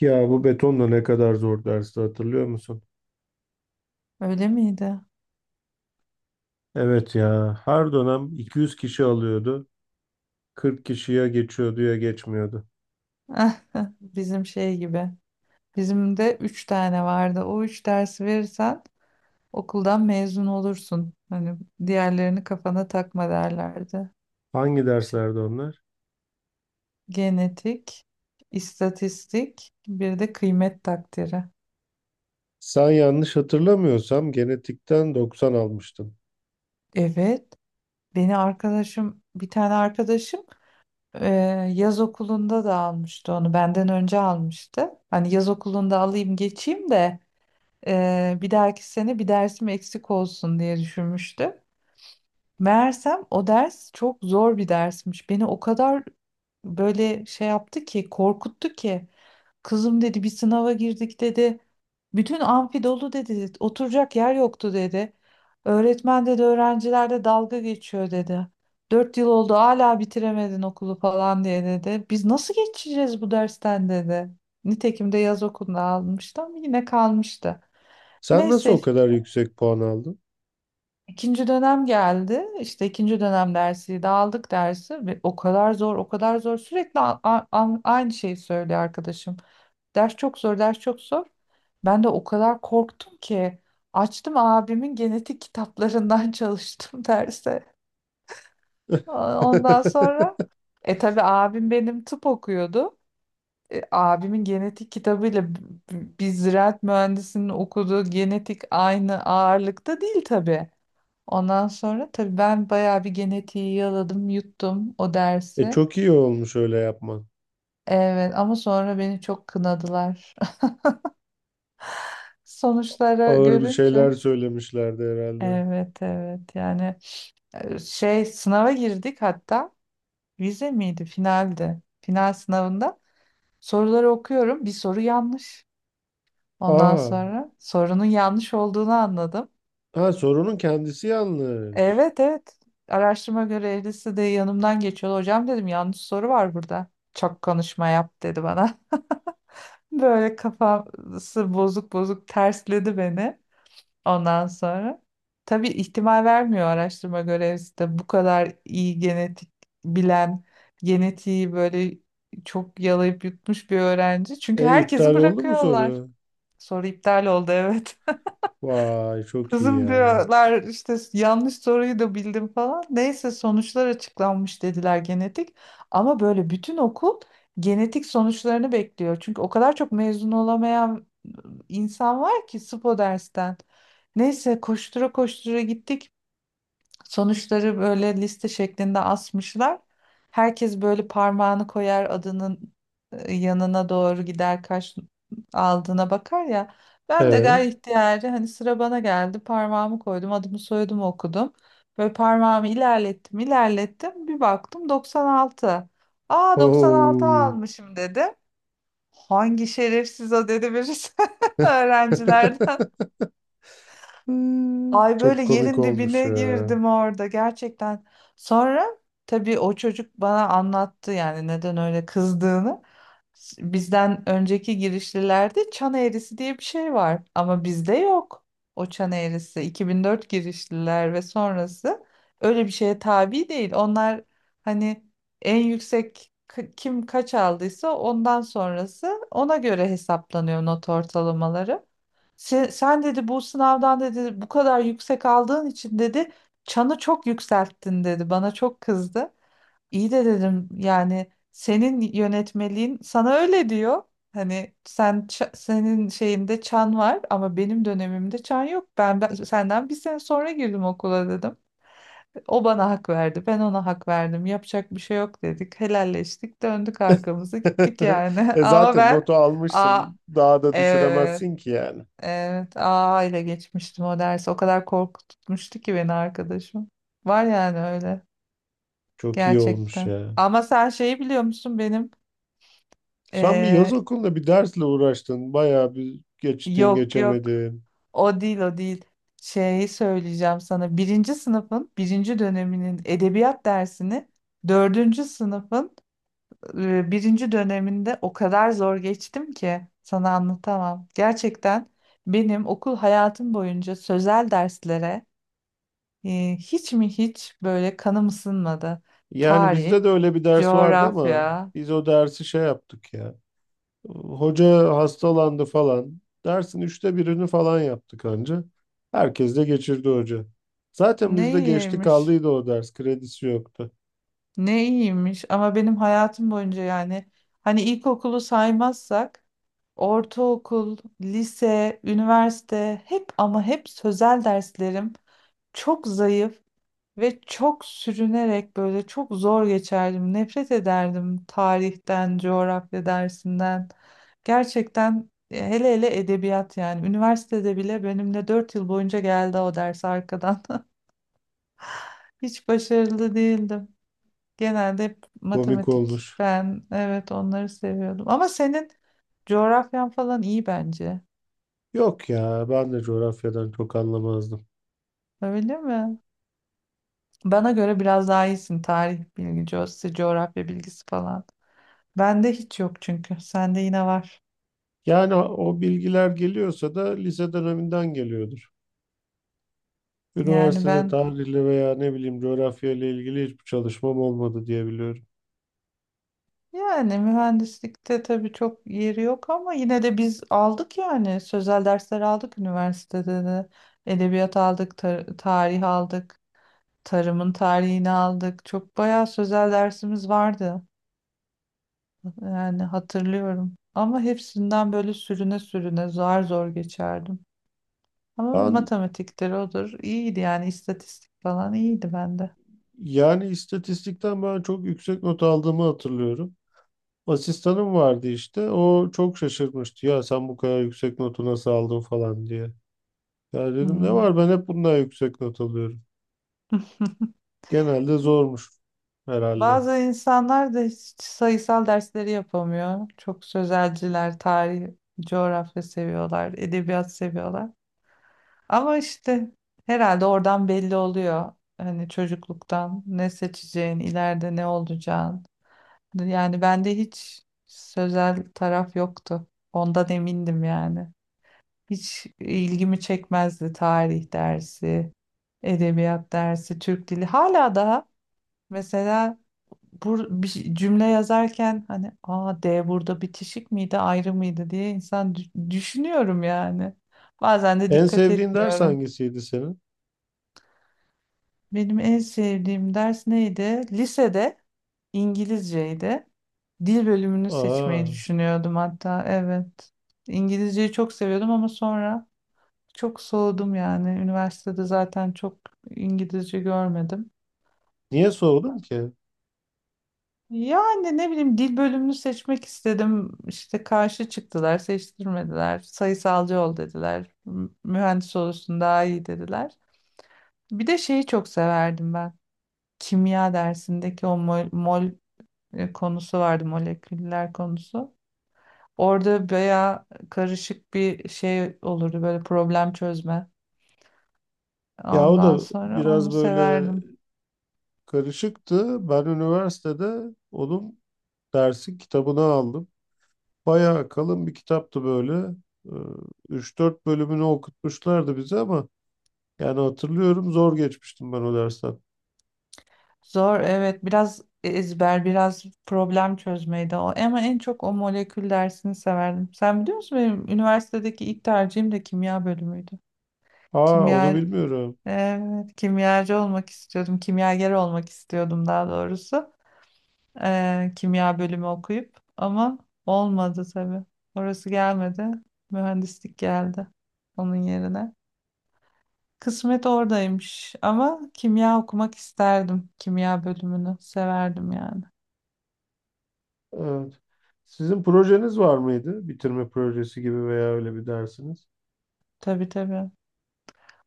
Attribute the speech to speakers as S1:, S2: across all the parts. S1: Ya bu betonla ne kadar zor dersi hatırlıyor musun?
S2: Öyle miydi?
S1: Evet ya her dönem 200 kişi alıyordu. 40 kişiye geçiyordu ya geçmiyordu.
S2: Bizim şey gibi. Bizim de üç tane vardı. O üç dersi verirsen okuldan mezun olursun. Hani diğerlerini kafana takma derlerdi.
S1: Hangi
S2: Şey,
S1: derslerde onlar?
S2: Genetik, istatistik, bir de kıymet takdiri.
S1: Sen yanlış hatırlamıyorsam genetikten 90 almıştın.
S2: Evet. Beni arkadaşım, bir tane arkadaşım e, yaz okulunda da almıştı onu. Benden önce almıştı. Hani yaz okulunda alayım geçeyim de bir dahaki sene bir dersim eksik olsun diye düşünmüştüm. Meğersem o ders çok zor bir dersmiş. Beni o kadar böyle şey yaptı ki, korkuttu ki. Kızım dedi bir sınava girdik dedi. Bütün amfi dolu dedi. Oturacak yer yoktu dedi. Öğretmen dedi öğrencilerde dalga geçiyor dedi. 4 yıl oldu hala bitiremedin okulu falan diye dedi. Biz nasıl geçeceğiz bu dersten dedi. Nitekim de yaz okuluna almıştım yine kalmıştı.
S1: Sen nasıl
S2: Neyse
S1: o
S2: işte
S1: kadar yüksek puan aldın?
S2: ikinci dönem geldi. İşte ikinci dönem dersi de aldık dersi. Ve o kadar zor, o kadar zor. Sürekli aynı şeyi söylüyor arkadaşım. Ders çok zor, ders çok zor. Ben de o kadar korktum ki açtım abimin genetik kitaplarından çalıştım derse. Ondan sonra tabii abim benim tıp okuyordu. Abimin genetik kitabıyla biz ziraat mühendisinin okuduğu genetik aynı ağırlıkta değil tabii. Ondan sonra tabii ben bayağı bir genetiği yaladım, yuttum o
S1: E
S2: dersi.
S1: çok iyi olmuş öyle yapman.
S2: Evet ama sonra beni çok kınadılar. Sonuçlara
S1: Ağır bir şeyler
S2: görünce.
S1: söylemişlerdi herhalde.
S2: Evet, evet, yani sınava girdik hatta vize miydi finaldi. Final sınavında soruları okuyorum bir soru yanlış. Ondan
S1: Aa,
S2: sonra sorunun yanlış olduğunu anladım.
S1: ha sorunun kendisi yanlış.
S2: Evet, evet, araştırma görevlisi de yanımdan geçiyordu. Hocam dedim yanlış soru var burada. Çok konuşma yap dedi bana. Böyle kafası bozuk bozuk tersledi beni ondan sonra. Tabii ihtimal vermiyor araştırma görevlisi de bu kadar iyi genetik bilen, genetiği böyle çok yalayıp yutmuş bir öğrenci. Çünkü
S1: E
S2: herkesi
S1: iptal oldu mu soru?
S2: bırakıyorlar. Soru iptal oldu, evet.
S1: Vay çok iyi
S2: Kızım
S1: ya.
S2: diyorlar işte yanlış soruyu da bildim falan. Neyse sonuçlar açıklanmış dediler genetik. Ama böyle bütün okul genetik sonuçlarını bekliyor. Çünkü o kadar çok mezun olamayan insan var ki SPO dersten. Neyse koştura koştura gittik. Sonuçları böyle liste şeklinde asmışlar. Herkes böyle parmağını koyar adının yanına doğru gider kaç aldığına bakar ya. Ben de
S1: Evet.
S2: gayet ihtiyari hani sıra bana geldi parmağımı koydum adımı soyadımı okudum. Böyle parmağımı ilerlettim ilerlettim bir baktım 96. Aa 96
S1: Oo.
S2: almışım dedi. Hangi şerefsiz o dedi birisi öğrencilerden. Ay böyle
S1: Çok komik
S2: yerin
S1: olmuş
S2: dibine
S1: ya.
S2: girdim orada gerçekten. Sonra tabii o çocuk bana anlattı yani neden öyle kızdığını. Bizden önceki girişlilerde çan eğrisi diye bir şey var ama bizde yok o çan eğrisi. 2004 girişliler ve sonrası öyle bir şeye tabi değil. Onlar hani en yüksek kim kaç aldıysa ondan sonrası ona göre hesaplanıyor not ortalamaları. Sen dedi bu sınavdan dedi bu kadar yüksek aldığın için dedi çanı çok yükselttin dedi. Bana çok kızdı. İyi de dedim yani senin yönetmeliğin sana öyle diyor. Hani sen senin şeyinde çan var ama benim dönemimde çan yok. Ben senden bir sene sonra girdim okula dedim. O bana hak verdi. Ben ona hak verdim. Yapacak bir şey yok dedik. Helalleştik. Döndük arkamızı gittik yani.
S1: E
S2: Ama
S1: zaten
S2: ben
S1: notu
S2: a,
S1: almışsın. Daha da
S2: e,
S1: düşüremezsin ki yani.
S2: evet, A ile geçmiştim o dersi. O kadar korkutmuştu ki beni arkadaşım. Var yani öyle
S1: Çok iyi olmuş
S2: gerçekten.
S1: ya.
S2: Ama sen şeyi biliyor musun benim?
S1: Sen bir yaz
S2: Ee,
S1: okulunda bir dersle uğraştın. Bayağı bir geçtin
S2: yok, yok.
S1: geçemedin.
S2: O değil, o değil. Şeyi söyleyeceğim sana. Birinci sınıfın birinci döneminin edebiyat dersini dördüncü sınıfın birinci döneminde o kadar zor geçtim ki sana anlatamam. Gerçekten benim okul hayatım boyunca sözel derslere hiç mi hiç böyle kanım ısınmadı.
S1: Yani
S2: Tarih,
S1: bizde de öyle bir ders vardı ama
S2: coğrafya
S1: biz o dersi şey yaptık ya. Hoca hastalandı falan. Dersin üçte birini falan yaptık anca. Herkes de geçirdi hoca. Zaten bizde
S2: ne
S1: geçti
S2: iyiymiş,
S1: kaldıydı o ders. Kredisi yoktu.
S2: ne iyiymiş ama benim hayatım boyunca yani hani ilkokulu saymazsak ortaokul, lise, üniversite hep ama hep sözel derslerim çok zayıf. Ve çok sürünerek böyle çok zor geçerdim. Nefret ederdim tarihten, coğrafya dersinden. Gerçekten hele hele edebiyat yani. Üniversitede bile benimle 4 yıl boyunca geldi o ders arkadan. Hiç başarılı değildim. Genelde hep
S1: Komik
S2: matematik,
S1: olmuş.
S2: ben evet onları seviyordum. Ama senin coğrafyan falan iyi bence.
S1: Yok ya ben de coğrafyadan çok anlamazdım.
S2: Öyle mi? Bana göre biraz daha iyisin tarih bilgisi, coğrafya bilgisi falan. Bende hiç yok çünkü. Sende yine var.
S1: Yani o bilgiler geliyorsa da lise döneminden geliyordur.
S2: Yani
S1: Üniversitede
S2: ben
S1: tarihle veya ne bileyim coğrafya ile ilgili hiçbir çalışmam olmadı diye biliyorum.
S2: yani mühendislikte tabii çok yeri yok ama yine de biz aldık yani sözel dersler aldık üniversitede de. Edebiyat aldık, tarih aldık, tarımın tarihini aldık. Çok bayağı sözel dersimiz vardı. Yani hatırlıyorum. Ama hepsinden böyle sürüne sürüne zor zor geçerdim. Ama
S1: Ben
S2: matematikleri odur. İyiydi yani istatistik falan iyiydi bende.
S1: yani istatistikten ben çok yüksek not aldığımı hatırlıyorum. Asistanım vardı işte. O çok şaşırmıştı. Ya sen bu kadar yüksek notu nasıl aldın falan diye. Ya dedim ne
S2: Hmm.
S1: var ben hep bundan yüksek not alıyorum. Genelde zormuş herhalde.
S2: Bazı insanlar da hiç sayısal dersleri yapamıyor. Çok sözelciler, tarih, coğrafya seviyorlar, edebiyat seviyorlar. Ama işte herhalde oradan belli oluyor. Hani çocukluktan ne seçeceğin, ileride ne olacağın. Yani bende hiç sözel taraf yoktu. Ondan emindim yani. Hiç ilgimi çekmezdi tarih dersi, edebiyat dersi, Türk dili. Hala daha mesela bir şey- cümle yazarken hani a D burada bitişik miydi ayrı mıydı diye insan düşünüyorum yani. Bazen de
S1: En
S2: dikkat
S1: sevdiğin ders
S2: etmiyorum.
S1: hangisiydi senin?
S2: Benim en sevdiğim ders neydi? Lisede İngilizceydi. Dil bölümünü
S1: Aa,
S2: seçmeyi düşünüyordum hatta evet. İngilizceyi çok seviyordum ama sonra çok soğudum yani. Üniversitede zaten çok İngilizce görmedim.
S1: niye sordun ki?
S2: Yani ne bileyim dil bölümünü seçmek istedim. İşte karşı çıktılar, seçtirmediler. Sayısalcı ol dediler. Mühendis olursun daha iyi dediler. Bir de şeyi çok severdim ben. Kimya dersindeki o mol, mol konusu vardı, moleküller konusu. Orada bayağı karışık bir şey olurdu böyle problem çözme.
S1: Ya o
S2: Ondan
S1: da
S2: sonra onu
S1: biraz böyle
S2: severdim.
S1: karışıktı. Ben üniversitede onun dersi kitabını aldım. Bayağı kalın bir kitaptı böyle. Ee, 3-4 bölümünü okutmuşlardı bize ama yani hatırlıyorum zor geçmiştim ben o dersten.
S2: Zor, evet, biraz ezber biraz problem çözmeydi o ama en çok o molekül dersini severdim. Sen biliyor musun benim üniversitedeki ilk tercihim de kimya bölümüydü.
S1: Aa onu
S2: Kimya,
S1: bilmiyorum.
S2: evet, kimyacı olmak istiyordum. Kimyager olmak istiyordum daha doğrusu. Kimya bölümü okuyup ama olmadı tabii. Orası gelmedi. Mühendislik geldi onun yerine. Kısmet oradaymış ama kimya okumak isterdim. Kimya bölümünü severdim yani.
S1: Evet. Sizin projeniz var mıydı? Bitirme projesi gibi veya öyle bir dersiniz.
S2: Tabii, tabii.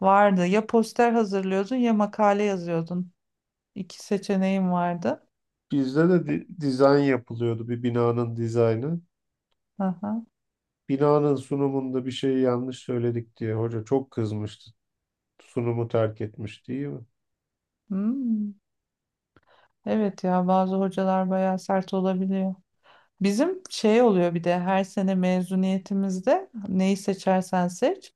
S2: Vardı. Ya poster hazırlıyordun ya makale yazıyordun. İki seçeneğin vardı.
S1: Bizde de dizayn yapılıyordu bir binanın dizaynı.
S2: Aha.
S1: Binanın sunumunda bir şeyi yanlış söyledik diye hoca çok kızmıştı. Sunumu terk etmiş değil mi?
S2: Hmm. Evet, ya bazı hocalar bayağı sert olabiliyor. Bizim şey oluyor bir de her sene mezuniyetimizde neyi seçersen seç.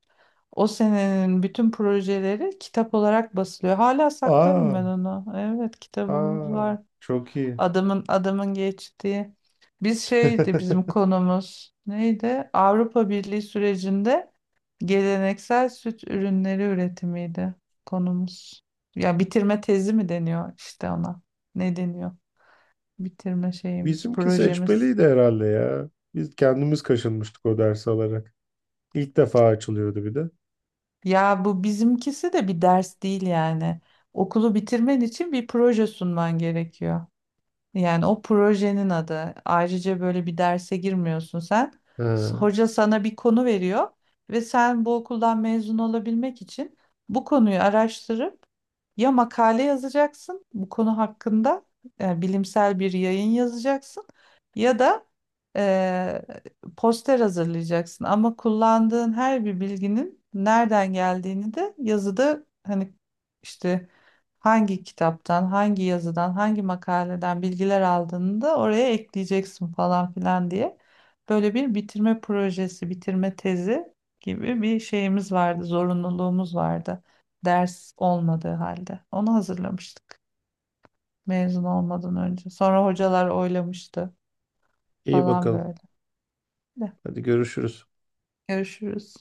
S2: O senenin bütün projeleri kitap olarak basılıyor. Hala saklarım
S1: Aa,
S2: ben onu. Evet, kitabımız
S1: aa
S2: var.
S1: çok iyi.
S2: Adamın geçtiği. Biz şeydi bizim konumuz. Neydi? Avrupa Birliği sürecinde geleneksel süt ürünleri üretimiydi konumuz. Ya bitirme tezi mi deniyor işte ona? Ne deniyor? Bitirme şeyimiz,
S1: Bizimki
S2: projemiz.
S1: seçmeliydi herhalde ya. Biz kendimiz kaşınmıştık o ders alarak. İlk defa açılıyordu bir de.
S2: Ya bu bizimkisi de bir ders değil yani. Okulu bitirmen için bir proje sunman gerekiyor. Yani o projenin adı. Ayrıca böyle bir derse girmiyorsun sen.
S1: Ha,
S2: Hoca sana bir konu veriyor ve sen bu okuldan mezun olabilmek için bu konuyu araştırıp ya makale yazacaksın bu konu hakkında yani bilimsel bir yayın yazacaksın ya da eee, poster hazırlayacaksın. Ama kullandığın her bir bilginin nereden geldiğini de yazıda hani işte hangi kitaptan, hangi yazıdan, hangi makaleden bilgiler aldığını da oraya ekleyeceksin falan filan diye. Böyle bir bitirme projesi, bitirme tezi gibi bir şeyimiz vardı, zorunluluğumuz vardı. Ders olmadığı halde. Onu hazırlamıştık mezun olmadan önce. Sonra hocalar oylamıştı
S1: iyi
S2: falan
S1: bakalım.
S2: böyle. De,
S1: Hadi görüşürüz.
S2: Görüşürüz.